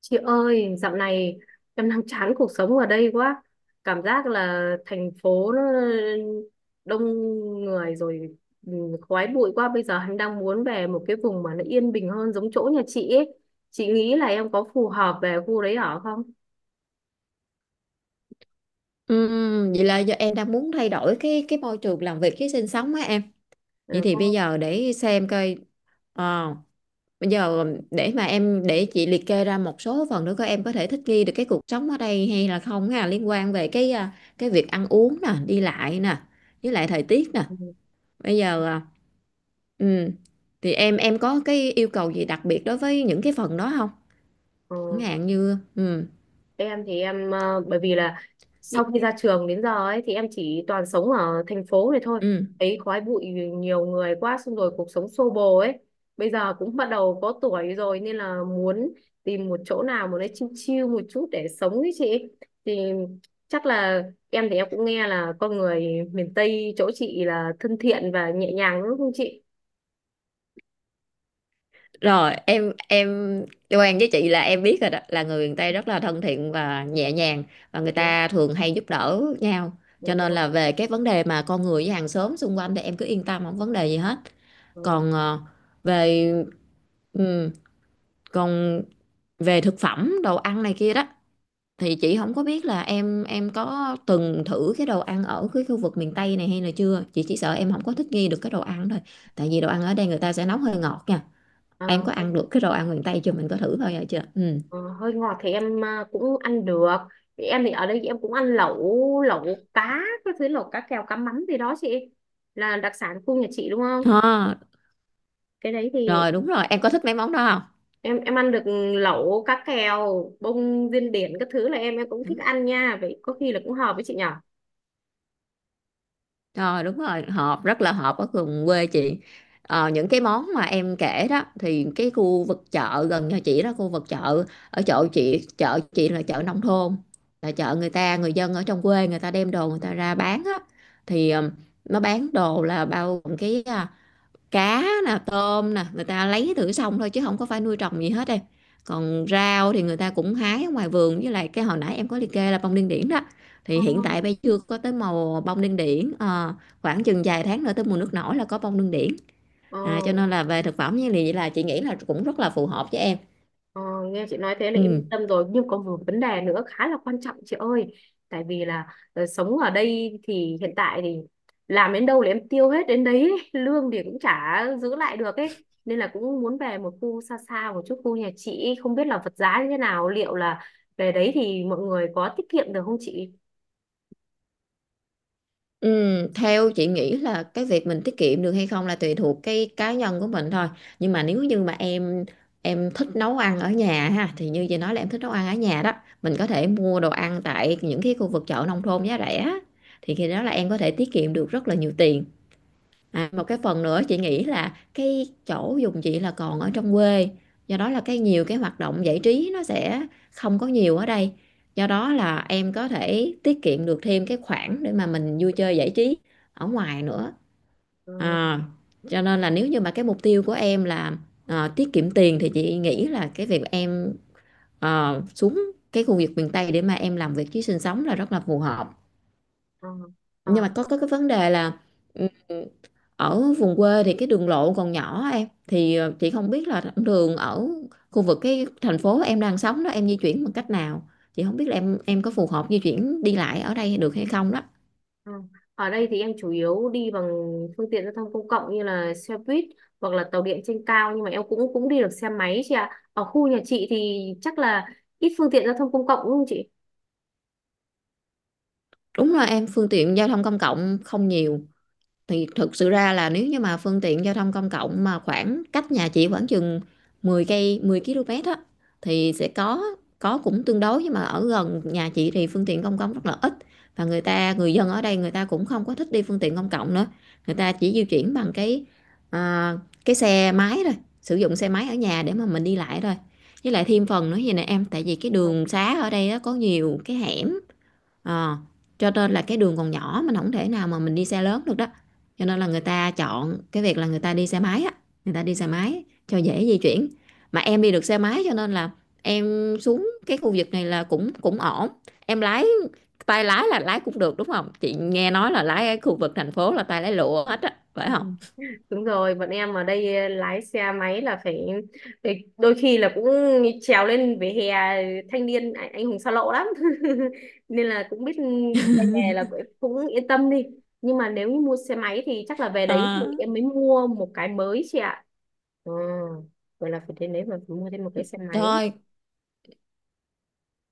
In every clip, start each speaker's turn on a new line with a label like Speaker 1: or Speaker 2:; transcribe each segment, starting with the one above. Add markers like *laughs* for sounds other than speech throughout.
Speaker 1: Chị ơi, dạo này em đang chán cuộc sống ở đây quá. Cảm giác là thành phố nó đông người rồi, ừ, khói bụi quá. Bây giờ em đang muốn về một cái vùng mà nó yên bình hơn giống chỗ nhà chị ấy. Chị nghĩ là em có phù hợp về khu đấy ở không?
Speaker 2: Vậy là giờ em đang muốn thay đổi cái môi trường làm việc cái sinh sống á em. Vậy
Speaker 1: Ừ,
Speaker 2: thì bây
Speaker 1: không.
Speaker 2: giờ để xem coi ờ, bây giờ để mà em để chị liệt kê ra một số phần nữa coi em có thể thích nghi được cái cuộc sống ở đây hay là không ha, liên quan về cái cái việc ăn uống nè, đi lại nè, với lại thời tiết nè.
Speaker 1: Ừ.
Speaker 2: Bây giờ ừm, thì em có cái yêu cầu gì đặc biệt đối với những cái phần đó không? Chẳng
Speaker 1: Ừ.
Speaker 2: hạn như
Speaker 1: em thì em bởi vì là sau khi ra trường đến giờ ấy thì em chỉ toàn sống ở thành phố này thôi
Speaker 2: ừ.
Speaker 1: ấy, khói bụi nhiều người quá, xong rồi cuộc sống xô bồ ấy, bây giờ cũng bắt đầu có tuổi rồi nên là muốn tìm một chỗ nào mà nó chill chill một chút để sống ấy chị. Thì chắc là em thì em cũng nghe là con người miền Tây chỗ chị là thân thiện và nhẹ nhàng đúng không chị?
Speaker 2: Rồi em quen với chị là em biết rồi đó, là người miền Tây rất là thân thiện và nhẹ nhàng, và người
Speaker 1: Đấy,
Speaker 2: ta thường hay giúp đỡ nhau,
Speaker 1: dạ
Speaker 2: cho nên
Speaker 1: vâng.
Speaker 2: là về cái vấn đề mà con người với hàng xóm xung quanh thì em cứ yên tâm không vấn đề gì hết.
Speaker 1: Ờ.
Speaker 2: Còn về ừ, còn về thực phẩm đồ ăn này kia đó thì chị không có biết là em có từng thử cái đồ ăn ở cái khu vực miền Tây này hay là chưa. Chị chỉ sợ em không có thích nghi được cái đồ ăn thôi, tại vì đồ ăn ở đây người ta sẽ nấu hơi ngọt nha.
Speaker 1: À.
Speaker 2: Em có ăn được cái đồ ăn miền Tây chưa? Mình có thử bao giờ chưa? Ừ.
Speaker 1: Hơi ngọt thì em cũng ăn được, thì em thì ở đây em cũng ăn lẩu lẩu cá, các thứ lẩu cá kèo cá mắm gì đó chị, là đặc sản khu nhà chị đúng không?
Speaker 2: À,
Speaker 1: Cái đấy thì
Speaker 2: rồi đúng rồi, em có thích mấy món đó không?
Speaker 1: em ăn được, lẩu cá kèo bông điên điển các thứ là em cũng thích
Speaker 2: Đúng.
Speaker 1: ăn nha, vậy có khi là cũng hợp với chị nhở.
Speaker 2: Rồi đúng rồi, hợp rất là hợp ở vùng quê chị. Ờ, những cái món mà em kể đó thì cái khu vực chợ gần nhà chị đó, khu vực chợ ở chỗ chị, chợ chị là chợ nông thôn. Là chợ người ta, người dân ở trong quê người ta đem đồ người ta ra bán á, thì nó bán đồ là bao gồm cái cá nè tôm nè, người ta lấy thử xong thôi chứ không có phải nuôi trồng gì hết em. Còn rau thì người ta cũng hái ở ngoài vườn, với lại cái hồi nãy em có liệt kê là bông điên điển đó, thì
Speaker 1: Ừ.
Speaker 2: hiện tại bây giờ chưa có tới màu bông điên điển. Ờ, khoảng chừng vài tháng nữa tới mùa nước nổi là có bông điên điển,
Speaker 1: Ờ.
Speaker 2: cho nên là về thực phẩm như vậy là chị nghĩ là cũng rất là phù hợp với em.
Speaker 1: Ờ, nghe chị nói thế là em
Speaker 2: Ừ.
Speaker 1: yên tâm rồi, nhưng có một vấn đề nữa khá là quan trọng chị ơi. Tại vì là sống ở đây thì hiện tại thì làm đến đâu là em tiêu hết đến đấy *laughs* ấy. Lương thì cũng chả giữ lại được ấy, nên là cũng muốn về một khu xa xa một chút khu nhà chị ấy. Không biết là vật giá như thế nào, liệu là về đấy thì mọi người có tiết kiệm được không chị?
Speaker 2: Ừ, theo chị nghĩ là cái việc mình tiết kiệm được hay không là tùy thuộc cái cá nhân của mình thôi. Nhưng mà nếu như mà em thích nấu ăn ở nhà ha, thì
Speaker 1: Ừ.
Speaker 2: như chị nói là em thích nấu ăn ở nhà đó, mình có thể mua đồ ăn tại những cái khu vực chợ nông thôn giá rẻ, thì khi đó là em có thể tiết kiệm được rất là nhiều tiền. À, một cái phần nữa chị nghĩ là cái chỗ dùng chị là còn ở trong quê, do đó là cái nhiều cái hoạt động giải trí nó sẽ không có nhiều ở đây, do đó là em có thể tiết kiệm được thêm cái khoản để mà mình vui chơi giải trí ở ngoài nữa,
Speaker 1: Ừ,
Speaker 2: à, cho nên là nếu như mà cái mục tiêu của em là tiết kiệm tiền thì chị nghĩ là cái việc em xuống cái khu vực miền Tây để mà em làm việc chứ sinh sống là rất là phù hợp.
Speaker 1: ờ,
Speaker 2: Nhưng
Speaker 1: ờ.
Speaker 2: mà có cái vấn đề là ừ, ở vùng quê thì cái đường lộ còn nhỏ em, thì chị không biết là thẳng đường ở khu vực cái thành phố em đang sống đó em di chuyển bằng cách nào, chị không biết là em có phù hợp di chuyển đi lại ở đây được hay không đó.
Speaker 1: Ừ. Ở đây thì em chủ yếu đi bằng phương tiện giao thông công cộng như là xe buýt hoặc là tàu điện trên cao, nhưng mà em cũng cũng đi được xe máy chị ạ. Ở khu nhà chị thì chắc là ít phương tiện giao thông công cộng đúng không chị?
Speaker 2: Đúng là em phương tiện giao thông công cộng không nhiều, thì thực sự ra là nếu như mà phương tiện giao thông công cộng mà khoảng cách nhà chị khoảng chừng 10 cây 10 km á thì sẽ có, cũng tương đối. Nhưng mà ở gần nhà chị thì phương tiện công cộng rất là ít, và người dân ở đây người ta cũng không có thích đi phương tiện công cộng nữa, người ta chỉ di chuyển bằng cái à, cái xe máy thôi, sử dụng xe máy ở nhà để mà mình đi lại thôi. Với lại thêm phần nữa vậy nè em, tại vì cái đường xá ở đây á, có nhiều cái hẻm. Ờ, cho nên là cái đường còn nhỏ mình không thể nào mà mình đi xe lớn được đó, cho nên là người ta chọn cái việc là người ta đi xe máy á, người ta đi xe máy cho dễ di chuyển. Mà em đi được xe máy cho nên là em xuống cái khu vực này là cũng cũng ổn. Em lái tay lái là lái cũng được đúng không, chị nghe nói là lái ở khu vực thành phố là tay lái lụa hết á phải không.
Speaker 1: Đúng rồi, bọn em ở đây lái xe máy là phải, phải đôi khi là cũng trèo lên vỉa hè, thanh niên anh hùng xa lộ lắm. *laughs* Nên là cũng biết tay nghề là cũng cũng yên tâm đi. Nhưng mà nếu như mua xe máy thì chắc là về đấy thì
Speaker 2: Ờ,
Speaker 1: em mới mua một cái mới chị ạ. Ờ, vậy là phải đến đấy mà phải mua thêm một cái xe máy.
Speaker 2: rồi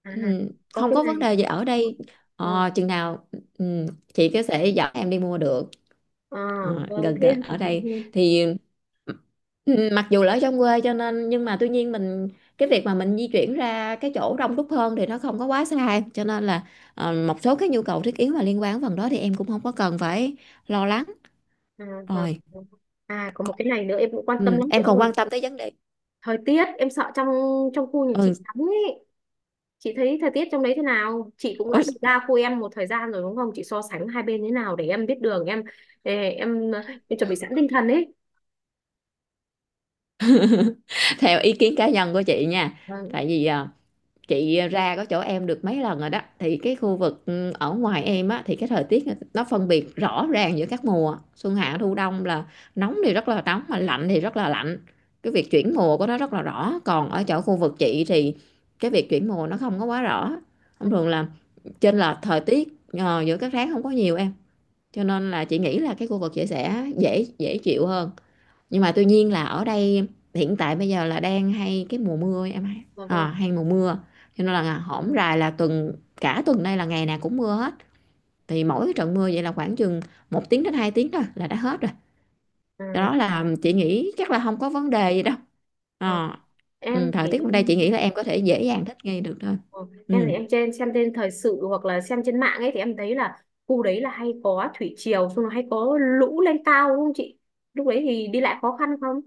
Speaker 1: À,
Speaker 2: ừ,
Speaker 1: có
Speaker 2: không
Speaker 1: cái
Speaker 2: có vấn
Speaker 1: này.
Speaker 2: đề gì ở đây.
Speaker 1: Ờ,
Speaker 2: Ờ, chừng nào ừ, chị có thể dẫn em đi mua được.
Speaker 1: ờ,
Speaker 2: Ờ,
Speaker 1: vâng,
Speaker 2: gần gần
Speaker 1: thêm.
Speaker 2: ở đây
Speaker 1: *laughs*
Speaker 2: thì. Ừ, mặc dù là ở trong quê cho nên nhưng mà tuy nhiên mình cái việc mà mình di chuyển ra cái chỗ đông đúc hơn thì nó không có quá xa, cho nên là một số cái nhu cầu thiết yếu mà liên quan đến phần đó thì em cũng không có cần phải lo lắng.
Speaker 1: À, và-
Speaker 2: Rồi
Speaker 1: có một cái này nữa em cũng quan tâm
Speaker 2: ừ,
Speaker 1: lắm chị
Speaker 2: em còn
Speaker 1: ơi.
Speaker 2: quan tâm tới vấn đề
Speaker 1: Thời tiết, em sợ trong trong khu nhà chị
Speaker 2: ừ,
Speaker 1: lắm ấy. Chị thấy thời tiết trong đấy thế nào? Chị cũng đã được ra khu em một thời gian rồi đúng không? Chị so sánh hai bên thế nào để em biết đường em, ê, em em chuẩn bị sẵn tinh thần ấy.
Speaker 2: *laughs* theo ý kiến cá nhân của chị nha,
Speaker 1: Vâng,
Speaker 2: tại vì chị ra có chỗ em được mấy lần rồi đó, thì cái khu vực ở ngoài em á thì cái thời tiết nó phân biệt rõ ràng giữa các mùa xuân hạ thu đông, là nóng thì rất là nóng mà lạnh thì rất là lạnh, cái việc chuyển mùa của nó rất là rõ. Còn ở chỗ khu vực chị thì cái việc chuyển mùa nó không có quá rõ, thông
Speaker 1: vâng,
Speaker 2: thường là chênh lệch thời tiết giữa các tháng không có nhiều em, cho nên là chị nghĩ là cái khu vực chị sẽ dễ dễ chịu hơn. Nhưng mà tuy nhiên là ở đây hiện tại bây giờ là đang hay cái mùa mưa em, hay
Speaker 1: vâng. Vâng.
Speaker 2: hay mùa mưa, cho nên là hổm rày là tuần cả tuần đây là ngày nào cũng mưa hết, thì mỗi cái trận mưa vậy là khoảng chừng 1 tiếng đến 2 tiếng thôi là đã hết rồi,
Speaker 1: Ừ.
Speaker 2: do đó là chị nghĩ chắc là không có vấn đề gì đâu.
Speaker 1: Ờ,
Speaker 2: Ờ. Ừ,
Speaker 1: em
Speaker 2: thời
Speaker 1: thì
Speaker 2: tiết bên đây
Speaker 1: em.
Speaker 2: chị nghĩ là em có thể dễ dàng thích nghi được thôi.
Speaker 1: Ờ, em thì
Speaker 2: Ừ.
Speaker 1: em trên xem trên thời sự hoặc là xem trên mạng ấy thì em thấy là khu đấy là hay có thủy triều, xong rồi hay có lũ lên cao đúng không chị? Lúc đấy thì đi lại khó khăn không?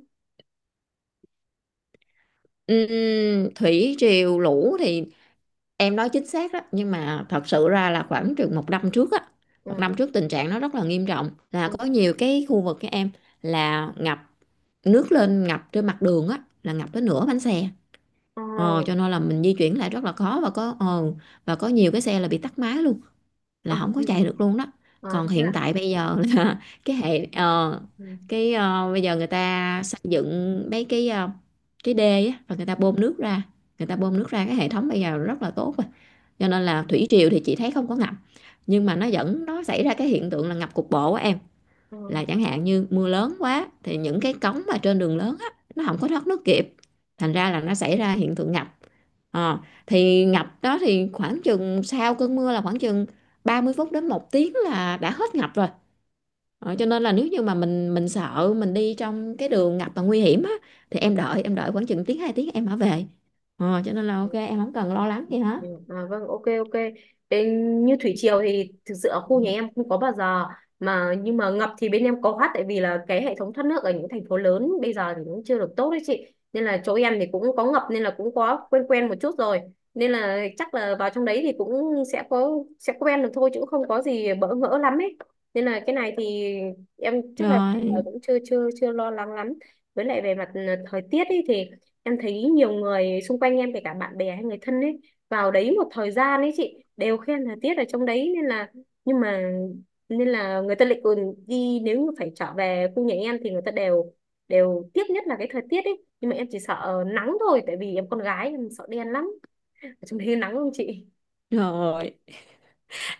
Speaker 2: Thủy triều lũ thì em nói chính xác đó, nhưng mà thật sự ra là khoảng chừng 1 năm trước á, một
Speaker 1: Ừ.
Speaker 2: năm trước tình trạng nó rất là nghiêm trọng, là
Speaker 1: Ừ.
Speaker 2: có nhiều cái khu vực các em là ngập, nước lên ngập trên mặt đường á, là ngập tới nửa bánh xe.
Speaker 1: Ờ.
Speaker 2: Cho nên là mình di chuyển lại rất là khó, và có và có nhiều cái xe là bị tắc máy luôn,
Speaker 1: Ờ.
Speaker 2: là không
Speaker 1: *laughs*
Speaker 2: có
Speaker 1: Ừ.
Speaker 2: chạy được luôn đó.
Speaker 1: Ờ,
Speaker 2: Còn
Speaker 1: thế
Speaker 2: hiện
Speaker 1: ạ.
Speaker 2: tại bây giờ là *laughs* cái hệ
Speaker 1: Ừ.
Speaker 2: cái bây giờ người ta xây dựng mấy cái cái đê á, và người ta bơm nước ra, người ta bơm nước ra, cái hệ thống bây giờ rất là tốt rồi, cho nên là thủy triều thì chị thấy không có ngập. Nhưng mà nó vẫn nó xảy ra cái hiện tượng là ngập cục bộ á em,
Speaker 1: Ừ.
Speaker 2: là chẳng hạn như mưa lớn quá thì những cái cống mà trên đường lớn á nó không có thoát nước kịp, thành ra là nó xảy ra hiện tượng ngập. Ờ,
Speaker 1: Ừ.
Speaker 2: thì ngập đó thì khoảng chừng sau cơn mưa là khoảng chừng 30 phút đến 1 tiếng là đã hết ngập rồi. Ờ, cho nên là nếu như mà mình sợ mình đi trong cái đường ngập mà nguy hiểm á thì
Speaker 1: Ừ.
Speaker 2: em đợi khoảng chừng tiếng hai tiếng em hả về. Ờ, cho nên là ok em không cần lo lắng gì hết.
Speaker 1: Ừ, à, vâng, ok, ok. Bên như thủy triều thì thực sự ở khu nhà em không có bao giờ, mà nhưng mà ngập thì bên em có hát, tại vì là cái hệ thống thoát nước ở những thành phố lớn bây giờ thì cũng chưa được tốt đấy chị. Nên là chỗ em thì cũng có ngập nên là cũng có quen quen một chút rồi. Nên là chắc là vào trong đấy thì cũng sẽ có, sẽ quen được thôi chứ cũng không có gì bỡ ngỡ lắm ấy. Nên là cái này thì em chắc là
Speaker 2: Rồi,
Speaker 1: cũng chưa chưa chưa lo lắng lắm. Với lại về mặt thời tiết ấy thì em thấy nhiều người xung quanh em kể cả bạn bè hay người thân ấy vào đấy một thời gian ấy chị đều khen thời tiết ở trong đấy, nên là, nhưng mà, nên là người ta lại còn đi, nếu như phải trở về khu nhà em thì người ta đều đều tiếc nhất là cái thời tiết ấy, nhưng mà em chỉ sợ nắng thôi, tại vì em con gái em sợ đen lắm. Ở trong đấy nắng không chị?
Speaker 2: rồi.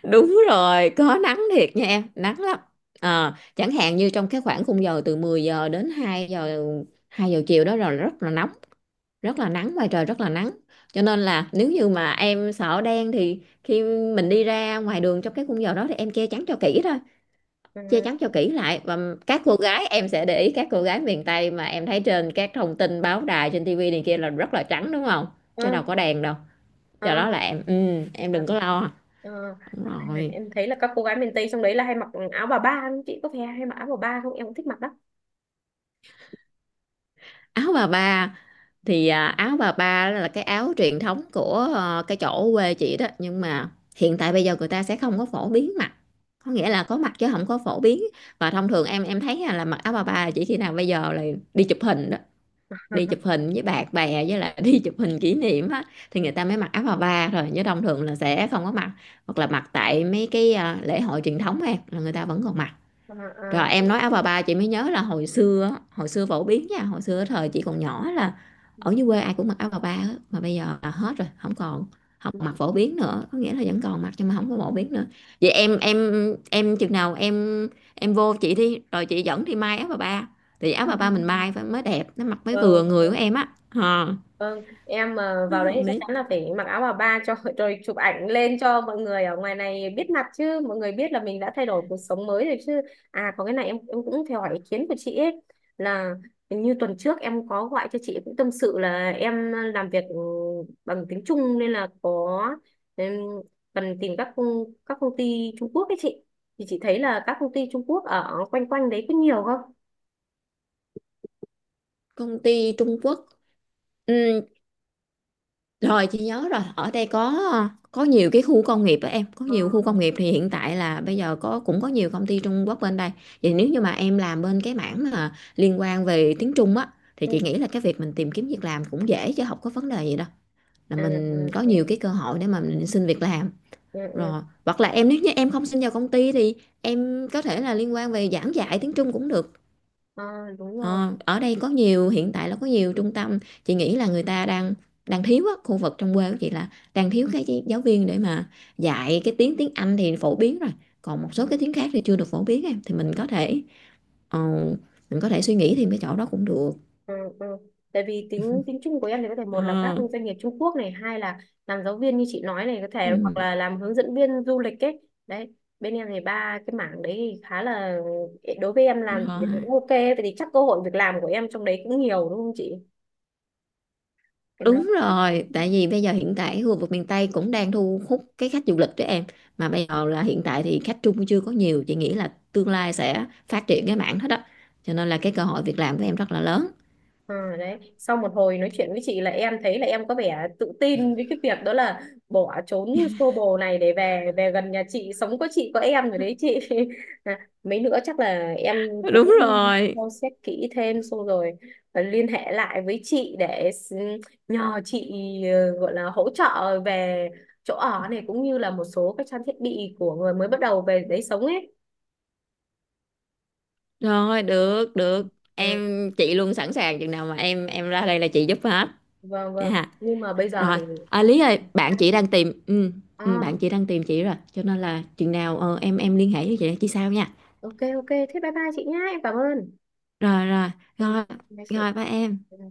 Speaker 2: Đúng rồi, có nắng thiệt nha em, nắng lắm. Chẳng hạn như trong cái khoảng khung giờ từ 10 giờ đến hai giờ chiều đó rồi rất là nóng, rất là nắng, ngoài trời rất là nắng, cho nên là nếu như mà em sợ đen thì khi mình đi ra ngoài đường trong cái khung giờ đó thì em che chắn cho kỹ thôi,
Speaker 1: Ờ,
Speaker 2: che chắn cho kỹ lại và các cô gái, em sẽ để ý các cô gái miền Tây mà em thấy trên các thông tin báo đài trên tivi này kia là rất là trắng đúng không? Chứ
Speaker 1: ờ,
Speaker 2: đâu có đèn đâu,
Speaker 1: ờ,
Speaker 2: do đó là em em
Speaker 1: ờ,
Speaker 2: đừng có lo.
Speaker 1: ờ.
Speaker 2: Đúng
Speaker 1: À,
Speaker 2: rồi.
Speaker 1: em thấy là các cô gái miền Tây trong đấy là hay mặc áo bà ba không chị, có phải hay mặc áo bà ba không, em cũng thích mặc đó.
Speaker 2: Áo bà ba thì áo bà ba là cái áo truyền thống của cái chỗ quê chị đó, nhưng mà hiện tại bây giờ người ta sẽ không có phổ biến mặc, có nghĩa là có mặc chứ không có phổ biến. Và thông thường em thấy là mặc áo bà ba là chỉ khi nào bây giờ là đi chụp hình đó, đi chụp
Speaker 1: *laughs*
Speaker 2: hình với bạn bè với lại *laughs* đi chụp hình kỷ niệm á, thì người ta mới mặc áo bà ba rồi, chứ thông thường là sẽ không có mặc, hoặc là mặc tại mấy cái lễ hội truyền thống em, là người ta vẫn còn mặc.
Speaker 1: Ờ, ờ,
Speaker 2: Rồi
Speaker 1: ờ.
Speaker 2: em nói áo bà ba chị mới nhớ là hồi xưa á, hồi xưa phổ biến nha, hồi xưa thời chị còn nhỏ là
Speaker 1: Ừ.
Speaker 2: ở dưới quê ai cũng mặc áo bà ba á, mà bây giờ là hết rồi, không còn, không mặc
Speaker 1: Ừ.
Speaker 2: phổ biến nữa, có nghĩa là vẫn còn mặc nhưng mà không có phổ biến nữa. Vậy em chừng nào em vô chị đi rồi chị dẫn đi may áo bà ba, thì áo
Speaker 1: Ừ.
Speaker 2: bà ba mình
Speaker 1: Ừ.
Speaker 2: may phải mới đẹp, nó mặc mới
Speaker 1: Vâng.
Speaker 2: vừa người của em á. Ờ.
Speaker 1: Vâng, em mà vào đấy thì
Speaker 2: Không
Speaker 1: chắc
Speaker 2: biết.
Speaker 1: chắn là phải mặc áo bà ba cho rồi chụp ảnh lên cho mọi người ở ngoài này biết mặt chứ, mọi người biết là mình đã thay đổi cuộc sống mới rồi chứ. À, có cái này em cũng theo hỏi ý kiến của chị ấy, là hình như tuần trước em có gọi cho chị cũng tâm sự là em làm việc bằng tiếng Trung, nên là có, em cần tìm các công ty Trung Quốc ấy chị, thì chị thấy là các công ty Trung Quốc ở quanh quanh đấy có nhiều không?
Speaker 2: Công ty Trung Quốc. Ừ, rồi chị nhớ rồi, ở đây có nhiều cái khu công nghiệp đó em, có
Speaker 1: Ờ,
Speaker 2: nhiều khu công nghiệp thì hiện tại là bây giờ có, cũng có nhiều công ty Trung Quốc bên đây. Vậy nếu như mà em làm bên cái mảng mà liên quan về tiếng Trung á thì
Speaker 1: ừ,
Speaker 2: chị nghĩ là cái việc mình tìm kiếm việc làm cũng dễ, chứ không có vấn đề gì đâu. Là
Speaker 1: à,
Speaker 2: mình
Speaker 1: ừ,
Speaker 2: có
Speaker 1: thế
Speaker 2: nhiều
Speaker 1: này.
Speaker 2: cái cơ hội để mà mình xin việc làm.
Speaker 1: Ừ, ừ.
Speaker 2: Rồi, hoặc là em nếu như em không xin vào công ty thì em có thể là liên quan về giảng dạy tiếng Trung cũng được.
Speaker 1: Ờ, đúng rồi.
Speaker 2: Ờ, ở đây có nhiều, hiện tại là có nhiều trung tâm, chị nghĩ là người ta đang đang thiếu á, khu vực trong quê của chị là đang thiếu cái giáo viên để mà dạy, cái tiếng tiếng Anh thì phổ biến rồi, còn một
Speaker 1: Ừ.
Speaker 2: số cái tiếng khác thì chưa được phổ biến em, thì mình có thể ờ, mình có thể suy nghĩ thêm cái chỗ đó cũng được.
Speaker 1: Ừ, ừ. Tại vì tính tính chung của em thì có thể, một là các
Speaker 2: Ờ,
Speaker 1: doanh nghiệp Trung Quốc này, hai là làm giáo viên như chị nói này, có thể hoặc
Speaker 2: ừ,
Speaker 1: là làm hướng dẫn viên du lịch ấy. Đấy, bên em thì ba cái mảng đấy thì khá là, đối với em làm thì
Speaker 2: rồi.
Speaker 1: cũng ok. Vậy thì chắc cơ hội việc làm của em trong đấy cũng nhiều đúng không chị? Em lo
Speaker 2: Đúng
Speaker 1: lắm.
Speaker 2: rồi, tại vì bây giờ hiện tại khu vực miền Tây cũng đang thu hút cái khách du lịch đó em. Mà bây giờ là hiện tại thì khách Trung chưa có nhiều, chị nghĩ là tương lai sẽ phát triển cái mảng hết đó. Cho nên là cái cơ hội việc làm của em rất là lớn.
Speaker 1: Ừ, đấy, sau một hồi nói chuyện với chị là em thấy là em có vẻ tự tin với cái việc đó, là bỏ trốn xô bồ này để về về gần nhà chị sống, có chị có em rồi đấy chị. *laughs* À, mấy nữa chắc là em
Speaker 2: Đúng
Speaker 1: cũng xem
Speaker 2: rồi.
Speaker 1: xét kỹ thêm, xong rồi liên hệ lại với chị để nhờ chị gọi là hỗ trợ về chỗ ở này, cũng như là một số các trang thiết bị của người mới bắt đầu về đấy sống ấy.
Speaker 2: Rồi, được, được.
Speaker 1: Ừ,
Speaker 2: Chị luôn sẵn sàng, chừng nào mà em ra đây là chị giúp hết.
Speaker 1: vâng vâng,
Speaker 2: Nha.
Speaker 1: nhưng mà bây giờ
Speaker 2: Rồi,
Speaker 1: thì
Speaker 2: à, Lý ơi, bạn chị đang tìm
Speaker 1: à,
Speaker 2: bạn chị đang tìm chị rồi, cho nên là chừng nào em liên hệ với chị sao nha.
Speaker 1: ok ok, thế bye bye chị nhá, em cảm ơn.
Speaker 2: Rồi rồi,
Speaker 1: Ừ,
Speaker 2: rồi,
Speaker 1: bye chị.
Speaker 2: rồi ba em.
Speaker 1: Ừ.